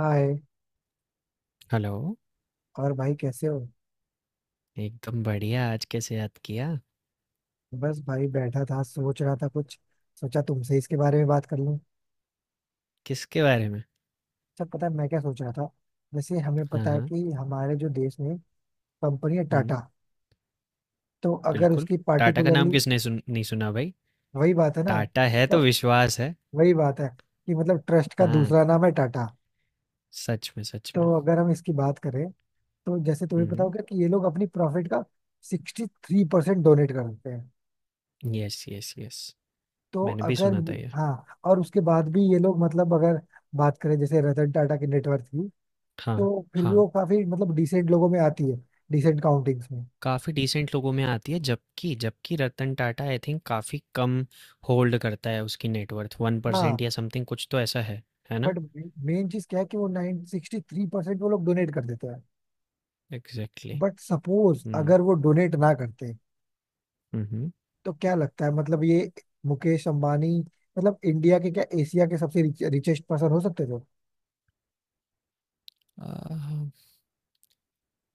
हाय। Hello, और भाई कैसे हो? एकदम बढ़िया आज कैसे याद किया? बस भाई बैठा था, सोच रहा था कुछ। सोचा तुमसे इसके बारे में बात कर लूं। किसके बारे में? अच्छा, पता है मैं क्या सोच रहा था? जैसे हमें हाँ, पता है हाँ। कि हमारे जो देश में कंपनी है हुँ, टाटा। तो अगर बिल्कुल। उसकी टाटा का नाम पार्टिकुलरली, किसने सुन नहीं सुना भाई? वही बात है ना। टाटा है तो तो विश्वास है। वही बात है कि मतलब ट्रस्ट का हाँ, दूसरा नाम है टाटा। सच में, सच में। तो अगर हम इसकी बात करें, तो जैसे तुम्हें पता हुँ, होगा कि ये लोग अपनी प्रॉफिट का 63% डोनेट करते हैं। Yes, yes, yes. तो मैंने भी अगर, सुना था ये। हाँ, और उसके बाद भी ये लोग मतलब अगर बात करें जैसे रतन टाटा की नेटवर्थ की, हाँ, तो फिर भी हाँ। वो काफी मतलब डिसेंट लोगों में आती है। डिसेंट काउंटिंग्स में। काफ़ी डिसेंट लोगों में आती है, जबकि जबकि रतन टाटा आई थिंक काफ़ी कम होल्ड करता है, उसकी नेटवर्थ 1% हाँ। या समथिंग कुछ तो ऐसा है ना? बट मेन चीज क्या है कि वो नाइन 63% वो लोग डोनेट कर देते हैं। एग्ज़ैक्टली। बट सपोज हुँ, अगर वो डोनेट ना करते, हुँ, हुँ। तो क्या लगता है मतलब ये मुकेश अंबानी मतलब इंडिया के, क्या एशिया के सबसे रिचेस्ट पर्सन हो सकते थे? अ,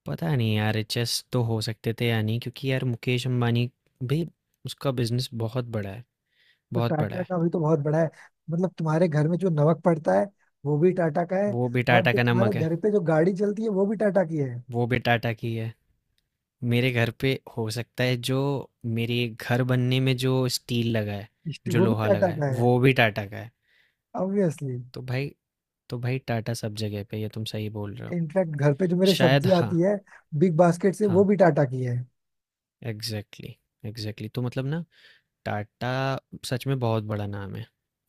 पता नहीं यार, एचएस तो हो सकते थे या नहीं, क्योंकि यार मुकेश अंबानी भी, उसका बिजनेस बहुत बड़ा है, तो बहुत बड़ा टाटा है। का भी तो बहुत बड़ा है। मतलब तुम्हारे घर में जो नमक पड़ता है, वो भी टाटा का है। वो भी और टाटा जो का तुम्हारे नमक है। घर पे जो गाड़ी चलती है, वो भी टाटा की है। वो भी टाटा की है। मेरे घर पे हो सकता है जो, मेरे घर बनने में जो स्टील लगा है, जो वो भी लोहा लगा टाटा है का है। वो भी टाटा का है। ऑब्वियसली। तो भाई तो भाई टाटा सब जगह पे, ये तुम सही बोल रहे हो। इनफैक्ट घर पे जो मेरे शायद सब्जी हाँ। आती है बिग बास्केट से, वो हाँ, भी टाटा की है। एग्जैक्टली। एग्जैक्टली, तो मतलब ना, टाटा सच में बहुत बड़ा नाम है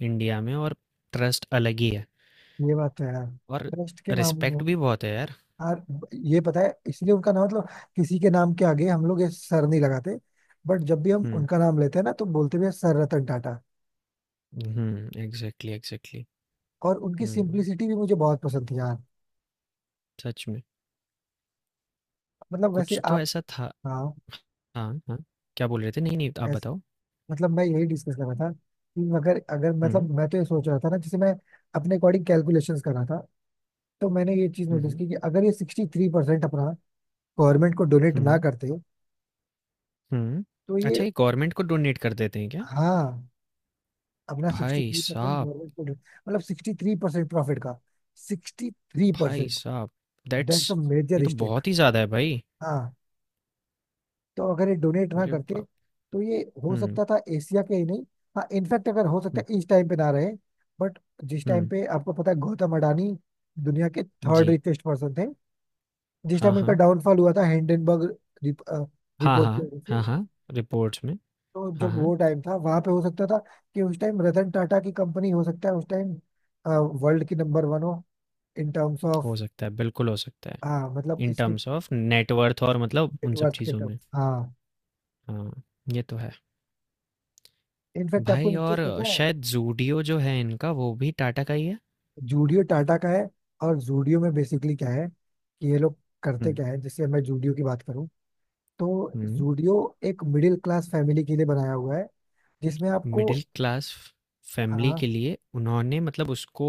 इंडिया में, और ट्रस्ट अलग ही है, ये बात तो है यार, और ट्रस्ट के मामले में। रिस्पेक्ट भी बहुत है यार। यार, ये पता है, इसलिए उनका नाम मतलब किसी के नाम के आगे हम लोग ये सर नहीं लगाते, बट जब भी हम हुँ। उनका नाम लेते हैं ना, तो बोलते भी हैं सर रतन टाटा। हुँ, एग्ज़ैक्टली, एग्ज़ैक्टली। और उनकी हुँ, सिंप्लिसिटी भी मुझे बहुत पसंद थी यार। सच में। मतलब वैसे कुछ तो आप, ऐसा था। हाँ। हाँ, हाँ। क्या बोल रहे थे? नहीं, नहीं, आप बताओ। मतलब मैं यही डिस्कस कर रहा था कि अगर अगर मतलब हुँ। मैं तो ये सोच रहा था ना, जैसे मैं अपने अकॉर्डिंग कैलकुलेशंस कर रहा था, तो मैंने ये चीज हुँ, नोटिस हुँ। की कि अगर ये 63% अपना गवर्नमेंट को डोनेट ना हुँ, करते, हुँ। तो ये, अच्छा, ये गवर्नमेंट को डोनेट कर देते हैं क्या? हाँ, अपना सिक्सटी भाई थ्री परसेंट साहब, गवर्नमेंट को मतलब 63%, प्रॉफिट का सिक्सटी थ्री भाई परसेंट। साहब, दैट्स अ दैट्स, ये मेजर तो स्टेक। बहुत ही ज़्यादा है भाई। हाँ, तो अगर ये डोनेट ना अरे करते, बाप! तो ये हो हुँ, सकता था एशिया के ही नहीं, हाँ, इनफैक्ट अगर हो सकता हुँ, है इस टाइम पे ना रहे, बट जिस टाइम हुँ। पे आपको पता है गौतम अडानी दुनिया के थर्ड जी। रिचेस्ट पर्सन थे, जिस हाँ, टाइम उनका हाँ। डाउनफॉल हुआ था हिंडनबर्ग रिप, हाँ, रिपोर्ट की हाँ। वजह हाँ, से, हाँ। रिपोर्ट्स में। तो हाँ, जब हाँ। वो टाइम था वहां पे, हो सकता था कि उस टाइम रतन टाटा की कंपनी, हो सकता है उस टाइम वर्ल्ड की नंबर वन हो, इन टर्म्स ऑफ, हो सकता है, बिल्कुल हो सकता है। हाँ, मतलब इन इसके टर्म्स ऑफ नेट वर्थ और मतलब उन सब नेटवर्थ के चीज़ों टर्म्स। में। हाँ। हाँ, ये तो है। इनफैक्ट आपको भाई, एक चीज और पता है, शायद ज़ूडियो जो है इनका वो भी टाटा का ही है। जूडियो टाटा का है। और जूडियो में बेसिकली क्या है कि ये लोग हुँ, करते क्या है, जैसे मैं जूडियो की बात करूं, तो हुँ। जूडियो एक मिडिल क्लास फैमिली के लिए बनाया हुआ है, जिसमें आपको, मिडिल क्लास फैमिली हाँ, के लिए उन्होंने मतलब उसको,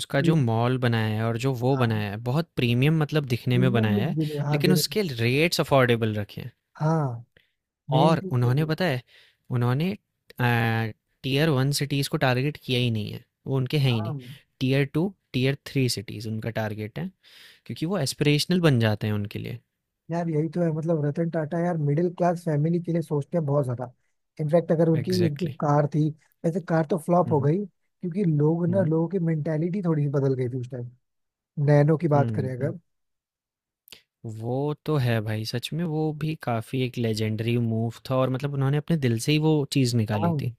उसका प्री, जो मॉल बनाया है और जो वो हाँ, बनाया है बहुत प्रीमियम मतलब दिखने में प्रीमियम लुक बनाया है, देने, हाँ, लेकिन देने, उसके रेट्स अफोर्डेबल रखे हैं। हाँ, मेन और चीज तो उन्होंने ये, पता है, उन्होंने अ, टियर 1 सिटीज़ को टारगेट किया ही नहीं है। वो उनके हैं ही हाँ। नहीं। टियर 2, टियर 3 सिटीज़ उनका टारगेट है, क्योंकि वो एस्पिरेशनल बन जाते हैं उनके लिए। यार, यही तो है, मतलब रतन टाटा यार मिडिल क्लास फैमिली के लिए सोचते हैं बहुत ज्यादा। इनफैक्ट अगर उनकी एक जो एग्ज़ैक्टली। कार थी, वैसे कार तो फ्लॉप हुँ, हो हुँ। गई क्योंकि हुँ, लोगों की मेंटेलिटी थोड़ी सी बदल गई थी उस टाइम। नैनो की बात करें हुँ, हुँ। अगर, वो तो है भाई, सच में वो भी काफ़ी एक लेजेंडरी मूव था, और मतलब उन्होंने अपने दिल से ही वो चीज़ निकाली हाँ, थी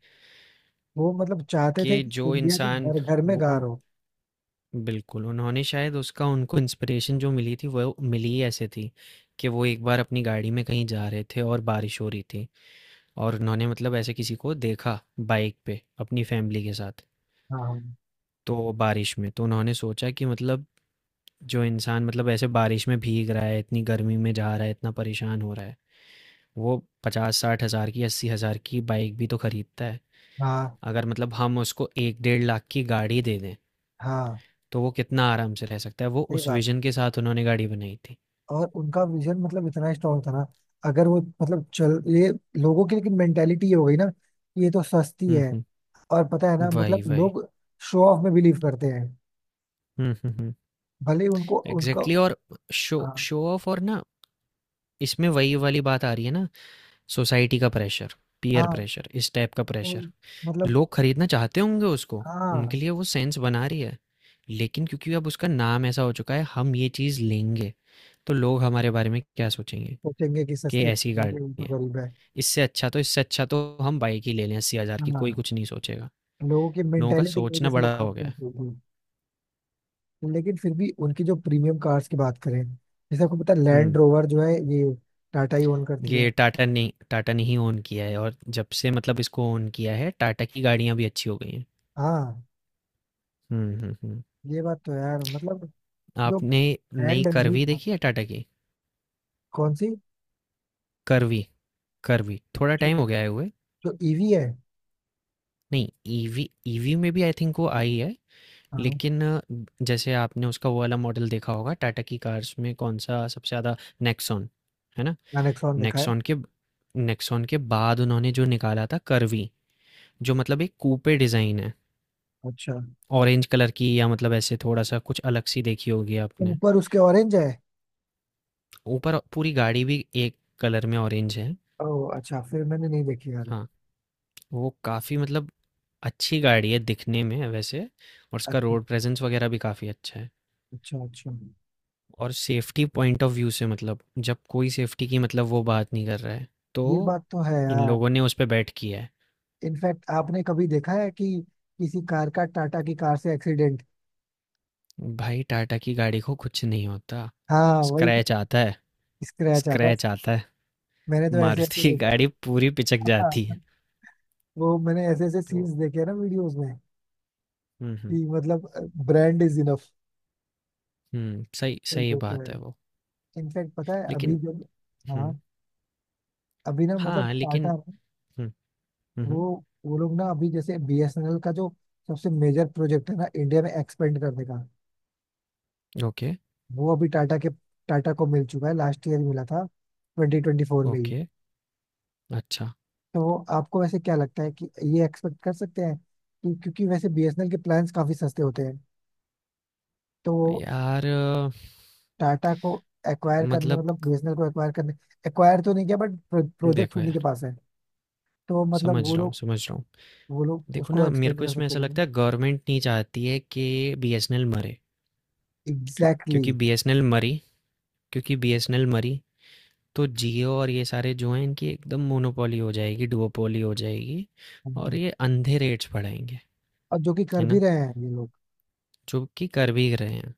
वो मतलब चाहते थे कि कि जो इंडिया के इंसान, घर घर में वो गार उन, हो। बिल्कुल, उन्होंने शायद उसका उनको इंस्पिरेशन जो मिली थी वो मिली ही ऐसे थी कि वो एक बार अपनी गाड़ी में कहीं जा रहे थे और बारिश हो रही थी, और उन्होंने मतलब ऐसे किसी को देखा बाइक पे अपनी फैमिली के साथ, हाँ, तो बारिश में। तो उन्होंने सोचा कि मतलब जो इंसान मतलब ऐसे बारिश में भीग रहा है, इतनी गर्मी में जा रहा है, इतना परेशान हो रहा है, वो 50-60 हज़ार की 80 हज़ार की बाइक भी तो खरीदता है। हाँ, अगर मतलब हम उसको एक डेढ़ लाख की गाड़ी दे दें, हाँ, तो वो कितना आराम से रह सकता है। वो सही उस बात। विजन के साथ उन्होंने गाड़ी बनाई थी। और उनका विजन मतलब इतना स्ट्रांग था ना। अगर वो मतलब चल ये, लोगों की लेकिन मेंटेलिटी ये हो गई ना कि ये तो सस्ती हम्म, है। हम्म। और पता है ना वही, मतलब वही। लोग शो ऑफ में बिलीव करते हैं, हम्म, हम्म, हम्म। भले ही उनको उनका, एग्जैक्टली, और शो हाँ, शो ऑफ, और ना इसमें वही वाली बात आ रही है ना, सोसाइटी का प्रेशर, पीयर हाँ, प्रेशर, इस टाइप का वो प्रेशर। मतलब, लोग खरीदना चाहते होंगे उसको, उनके हाँ, लिए वो सेंस बना रही है, लेकिन क्योंकि अब उसका नाम ऐसा हो चुका है हम ये चीज़ लेंगे तो लोग हमारे बारे में क्या सोचेंगे सोचेंगे कि कि सस्ती खा ऐसी रही है, गाड़ी उनको है। गरीब है। इससे अच्छा तो हम बाइक ही ले लें अस्सी हज़ार की, कोई हाँ, कुछ नहीं सोचेगा। लोगों की लोगों का मेंटेलिटी की वजह सोचना से वो बड़ा हो गया खाते है। हैं। लेकिन फिर भी उनकी जो प्रीमियम कार्स की बात करें, जैसे आपको पता है लैंड हम्म। रोवर जो है ये टाटा ही ओन करती है। ये टाटा ने, टाटा ने ही ओन किया है, और जब से मतलब इसको ओन किया है टाटा की गाड़ियां भी अच्छी हो गई हैं। हाँ। हम्म, हम्म, हम्म। ये बात तो है यार, मतलब जो आपने नई ब्रांड है, मतलब, करवी देखी है टाटा की, कौन सी? करवी करवी थोड़ा जो, टाइम हो गया है हुए। जो ईवी है? नहीं, ईवी, ईवी में भी आई थिंक वो आई है, हाँ, लेकिन जैसे आपने उसका वो वाला मॉडल देखा होगा, टाटा की कार्स में कौन सा सबसे ज़्यादा, नेक्सॉन, है ना? मैंने Nexon देखा है। नेक्सॉन के नेक्सॉन के बाद उन्होंने जो निकाला था करवी, जो मतलब एक कूपे डिज़ाइन है, अच्छा, ऑरेंज कलर की या मतलब ऐसे थोड़ा सा कुछ अलग सी देखी होगी आपने, ऊपर उसके ऑरेंज है? ऊपर पूरी गाड़ी भी एक कलर में ऑरेंज है। ओह अच्छा, फिर मैंने नहीं देखी यार। हाँ, वो काफ़ी मतलब अच्छी गाड़ी है दिखने में वैसे, और उसका अच्छा, रोड प्रेजेंस वगैरह भी काफ़ी अच्छा है। अच्छा, अच्छा। और सेफ्टी पॉइंट ऑफ व्यू से मतलब, जब कोई सेफ्टी की मतलब वो बात नहीं कर रहा है तो ये बात तो है इन यार। लोगों ने उस पर बैट किया है। इनफैक्ट आपने कभी देखा है कि किसी कार का टाटा की कार से एक्सीडेंट? भाई, टाटा की गाड़ी को कुछ नहीं होता, हाँ, वही स्क्रैच तो, आता है। स्क्रैच आता है। स्क्रैच आता है, मैंने तो ऐसे मारुति ऐसे की देखा गाड़ी पूरी पिचक जाती है। है। वो मैंने ऐसे ऐसे तो सीन्स देखे हैं ना वीडियोस में, हुँ, हुँ, कि मतलब ब्रांड इज इनफ। हुँ, सही सही वो तो बात है। है वो। इनफैक्ट पता है अभी लेकिन जब, हाँ, हुँ, अभी ना मतलब हाँ, लेकिन टाटा, हुँ, हुँ, हुँ, वो वो लोग ना अभी जैसे बीएसएनएल का जो सबसे मेजर प्रोजेक्ट है ना इंडिया में एक्सपेंड करने का, ओके, वो अभी टाटा को मिल चुका है, लास्ट ईयर ही मिला था, 2024 में ही। ओके, अच्छा। तो आपको वैसे क्या लगता है कि ये एक्सपेक्ट कर सकते हैं, कि क्योंकि वैसे बीएसएनएल के प्लान्स काफी सस्ते होते हैं, तो यार टाटा को एक्वायर करने, मतलब मतलब बीएसएनएल को एक्वायर करने, एक्वायर तो नहीं किया, बट प्रोजेक्ट देखो उन्हीं के यार, पास है, तो मतलब समझ वो रहा हूँ, लोग समझ रहा हूँ। वो लोग देखो उसको ना, मेरे एक्सपेक्ट को कर इसमें सकते ऐसा हैं। लगता है गवर्नमेंट नहीं चाहती है कि बीएसएनएल मरे, एग्जैक्टली क्योंकि exactly. बीएसएनएल मरी तो जियो और ये सारे जो हैं इनकी एकदम मोनोपोली हो जाएगी, डुओपोली हो जाएगी, और ये अंधे रेट्स बढ़ाएंगे। और जो कि है कर भी ना? रहे हैं ये लोग। जो कि कर भी रहे हैं।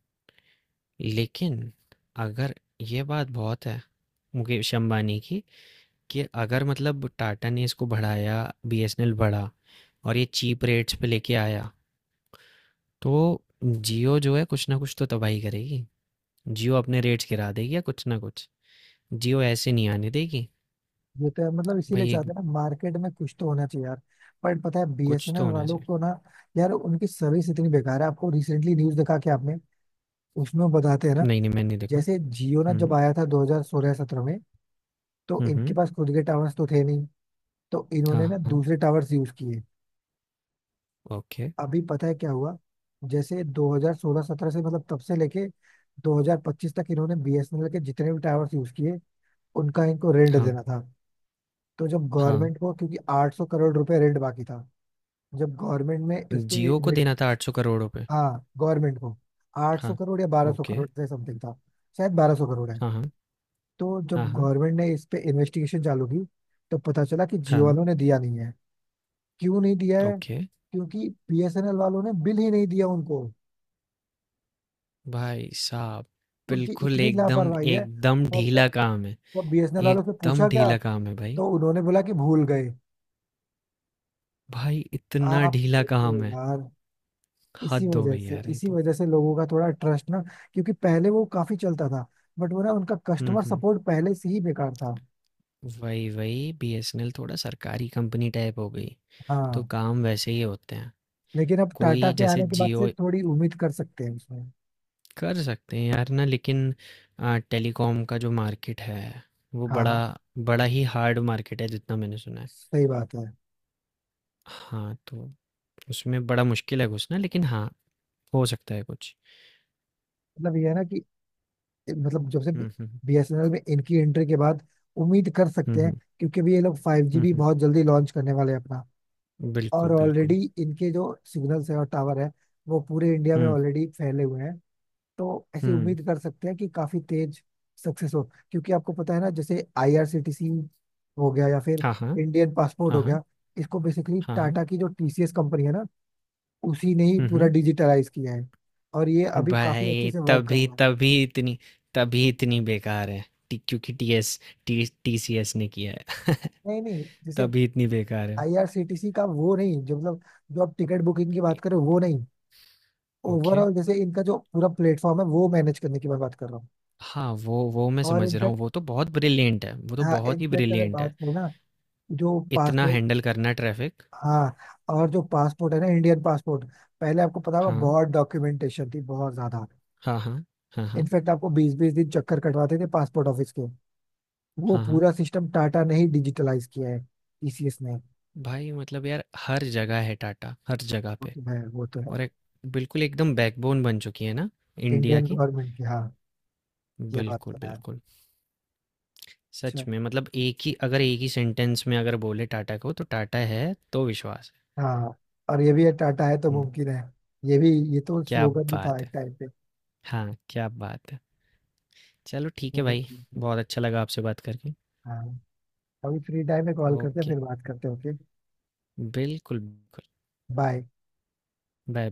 लेकिन अगर, ये बात बहुत है मुकेश अंबानी की कि अगर मतलब टाटा ने इसको बढ़ाया, बीएसएनएल बढ़ा और ये चीप रेट्स पे लेके आया, तो जियो जो है कुछ ना कुछ तो तबाही करेगी, जियो अपने रेट्स गिरा देगी या कुछ ना कुछ, जियो ऐसे नहीं आने देगी। ये तो है, मतलब इसीलिए भाई एक, चाहते हैं ना, मार्केट में कुछ तो होना चाहिए यार। बट पता है कुछ तो बीएसएनएल होना वालों चाहिए। को ना यार, उनकी सर्विस इतनी बेकार है। आपको रिसेंटली न्यूज देखा कि आपने? उसमें बताते हैं ना, नहीं, नहीं, मैंने नहीं देखा। जैसे जियो ना जब हम्म। आया था 2016-17 में, तो हुँ, इनके हुँ। पास खुद के टावर्स तो थे नहीं, तो हाँ, इन्होंने ना हाँ। दूसरे टावर्स यूज किए। ओके। अभी पता है क्या हुआ, जैसे 2016-17 से मतलब तब से लेके 2025 तक इन्होंने बीएसएनएल के जितने भी टावर्स यूज किए, उनका इनको रेंट हाँ, देना था। तो जब हाँ। गवर्नमेंट को, क्योंकि 800 करोड़ रुपए रेंट बाकी था, जब गवर्नमेंट में इस पे जियो को इन्वेस्ट, देना था 800 करोड़ रुपए। हाँ, गवर्नमेंट को 800 हाँ, करोड़ या 1200 ओके। करोड़ से समथिंग था, शायद 1200 करोड़ है। हाँ, हाँ। तो हाँ, जब हाँ। गवर्नमेंट ने इस पे इन्वेस्टिगेशन चालू की, तो पता चला कि हाँ, जियो वालों ने दिया नहीं है। क्यों नहीं दिया है? ओके। क्योंकि बीएसएनएल वालों ने बिल ही नहीं दिया उनको। भाई साहब! उनकी बिल्कुल इतनी एकदम, लापरवाही है। एकदम और जब, ढीला काम है। जब बीएसएनएल वालों से पूछा एकदम क्या, ढीला काम है भाई। तो उन्होंने बोला कि भूल गए। भाई इतना आप ढीला सोचो काम है। यार। इसी हद हो वजह गई से, यार, ये इसी तो। वजह से लोगों का थोड़ा ट्रस्ट ना, क्योंकि पहले वो काफी चलता था, बट वो ना, उनका हुँ, कस्टमर हुँ। सपोर्ट पहले से ही बेकार था। वही, वही, बीएसएनएल थोड़ा सरकारी कंपनी टाइप हो गई। तो हाँ, काम वैसे ही होते हैं। लेकिन अब टाटा कोई के जैसे आने के बाद जियो, से थोड़ी उम्मीद कर सकते हैं उसमें। कर सकते हैं यार ना, लेकिन टेलीकॉम का जो मार्केट है, वो बड़ा हाँ, बड़ा ही हार्ड मार्केट है जितना मैंने सुना है। सही बात है। हाँ, तो उसमें बड़ा मुश्किल है घुसना, लेकिन हाँ, हो सकता है कुछ। मतलब ये है ना कि, मतलब जब से हम्म, बीएसएनएल में इनकी एंट्री के बाद, उम्मीद कर हम्म। सकते हम्म, हैं, क्योंकि अभी ये लोग 5G भी हम्म, बहुत जल्दी लॉन्च करने वाले हैं अपना। और बिल्कुल ऑलरेडी बिल्कुल। इनके जो सिग्नल्स है और टावर है, वो पूरे इंडिया में हम्म, ऑलरेडी फैले हुए हैं, तो ऐसी हम्म। उम्मीद कर सकते हैं कि काफी तेज सक्सेस हो। क्योंकि आपको पता है ना जैसे आईआरसीटीसी हो गया, या फिर हाँ, हाँ। इंडियन पासपोर्ट हाँ, हो हाँ। गया, इसको बेसिकली हाँ, हाँ। टाटा की जो टीसीएस कंपनी है ना, उसी ने ही हम्म, पूरा डिजिटलाइज किया है, और ये अभी काफी अच्छे भाई से वर्क कर तभी, रहा है। तभी इतनी बेकार है। क्योंकि टी टी सी एस ने किया है नहीं, नहीं, जैसे तभी इतनी बेकार है। आईआरसीटीसी का वो नहीं, जो मतलब जो आप टिकट बुकिंग की बात करें, वो नहीं। ओके। ओवरऑल जैसे इनका जो पूरा प्लेटफॉर्म है वो मैनेज करने की मैं बात कर रहा हूँ। हाँ, वो मैं और समझ रहा हूँ, इनफैक्ट, वो तो बहुत ब्रिलिएंट है, वो तो हाँ, बहुत ही इनफैक्ट अगर ब्रिलिएंट बात है, करें ना, जो इतना पासपोर्ट, हैंडल करना ट्रैफ़िक। हाँ, और जो पासपोर्ट है ना, इंडियन पासपोर्ट, पहले आपको पता होगा हाँ, बहुत डॉक्यूमेंटेशन थी बहुत ज्यादा। हाँ, हाँ, हाँ, हाँ, इनफैक्ट आपको बीस बीस दिन चक्कर कटवाते थे पासपोर्ट ऑफिस के। वो हाँ, हाँ। पूरा सिस्टम टाटा ने ही डिजिटलाइज किया है, टीसीएस ने। भाई मतलब यार, हर जगह है टाटा, हर जगह वो पे। तो है, वो तो है। और एक, बिल्कुल एकदम बैकबोन बन चुकी है ना इंडिया इंडियन की। गवर्नमेंट की, हाँ। ये बात तो बिल्कुल, है। बिल्कुल। सच अच्छा। में मतलब, एक ही सेंटेंस में अगर बोले टाटा को, तो टाटा है तो विश्वास हाँ, और ये भी है, टाटा है तो है। हुँ, मुमकिन है। ये भी, ये तो क्या स्लोगन भी था बात एक है! टाइम पे। हाँ, क्या बात है! चलो ठीक है चलो भाई, ठीक है। बहुत अच्छा लगा आपसे बात करके। हाँ, अभी फ्री टाइम में कॉल करते हैं, ओके, फिर बात करते हैं। ओके। बिल्कुल, बिल्कुल। बाय। बाय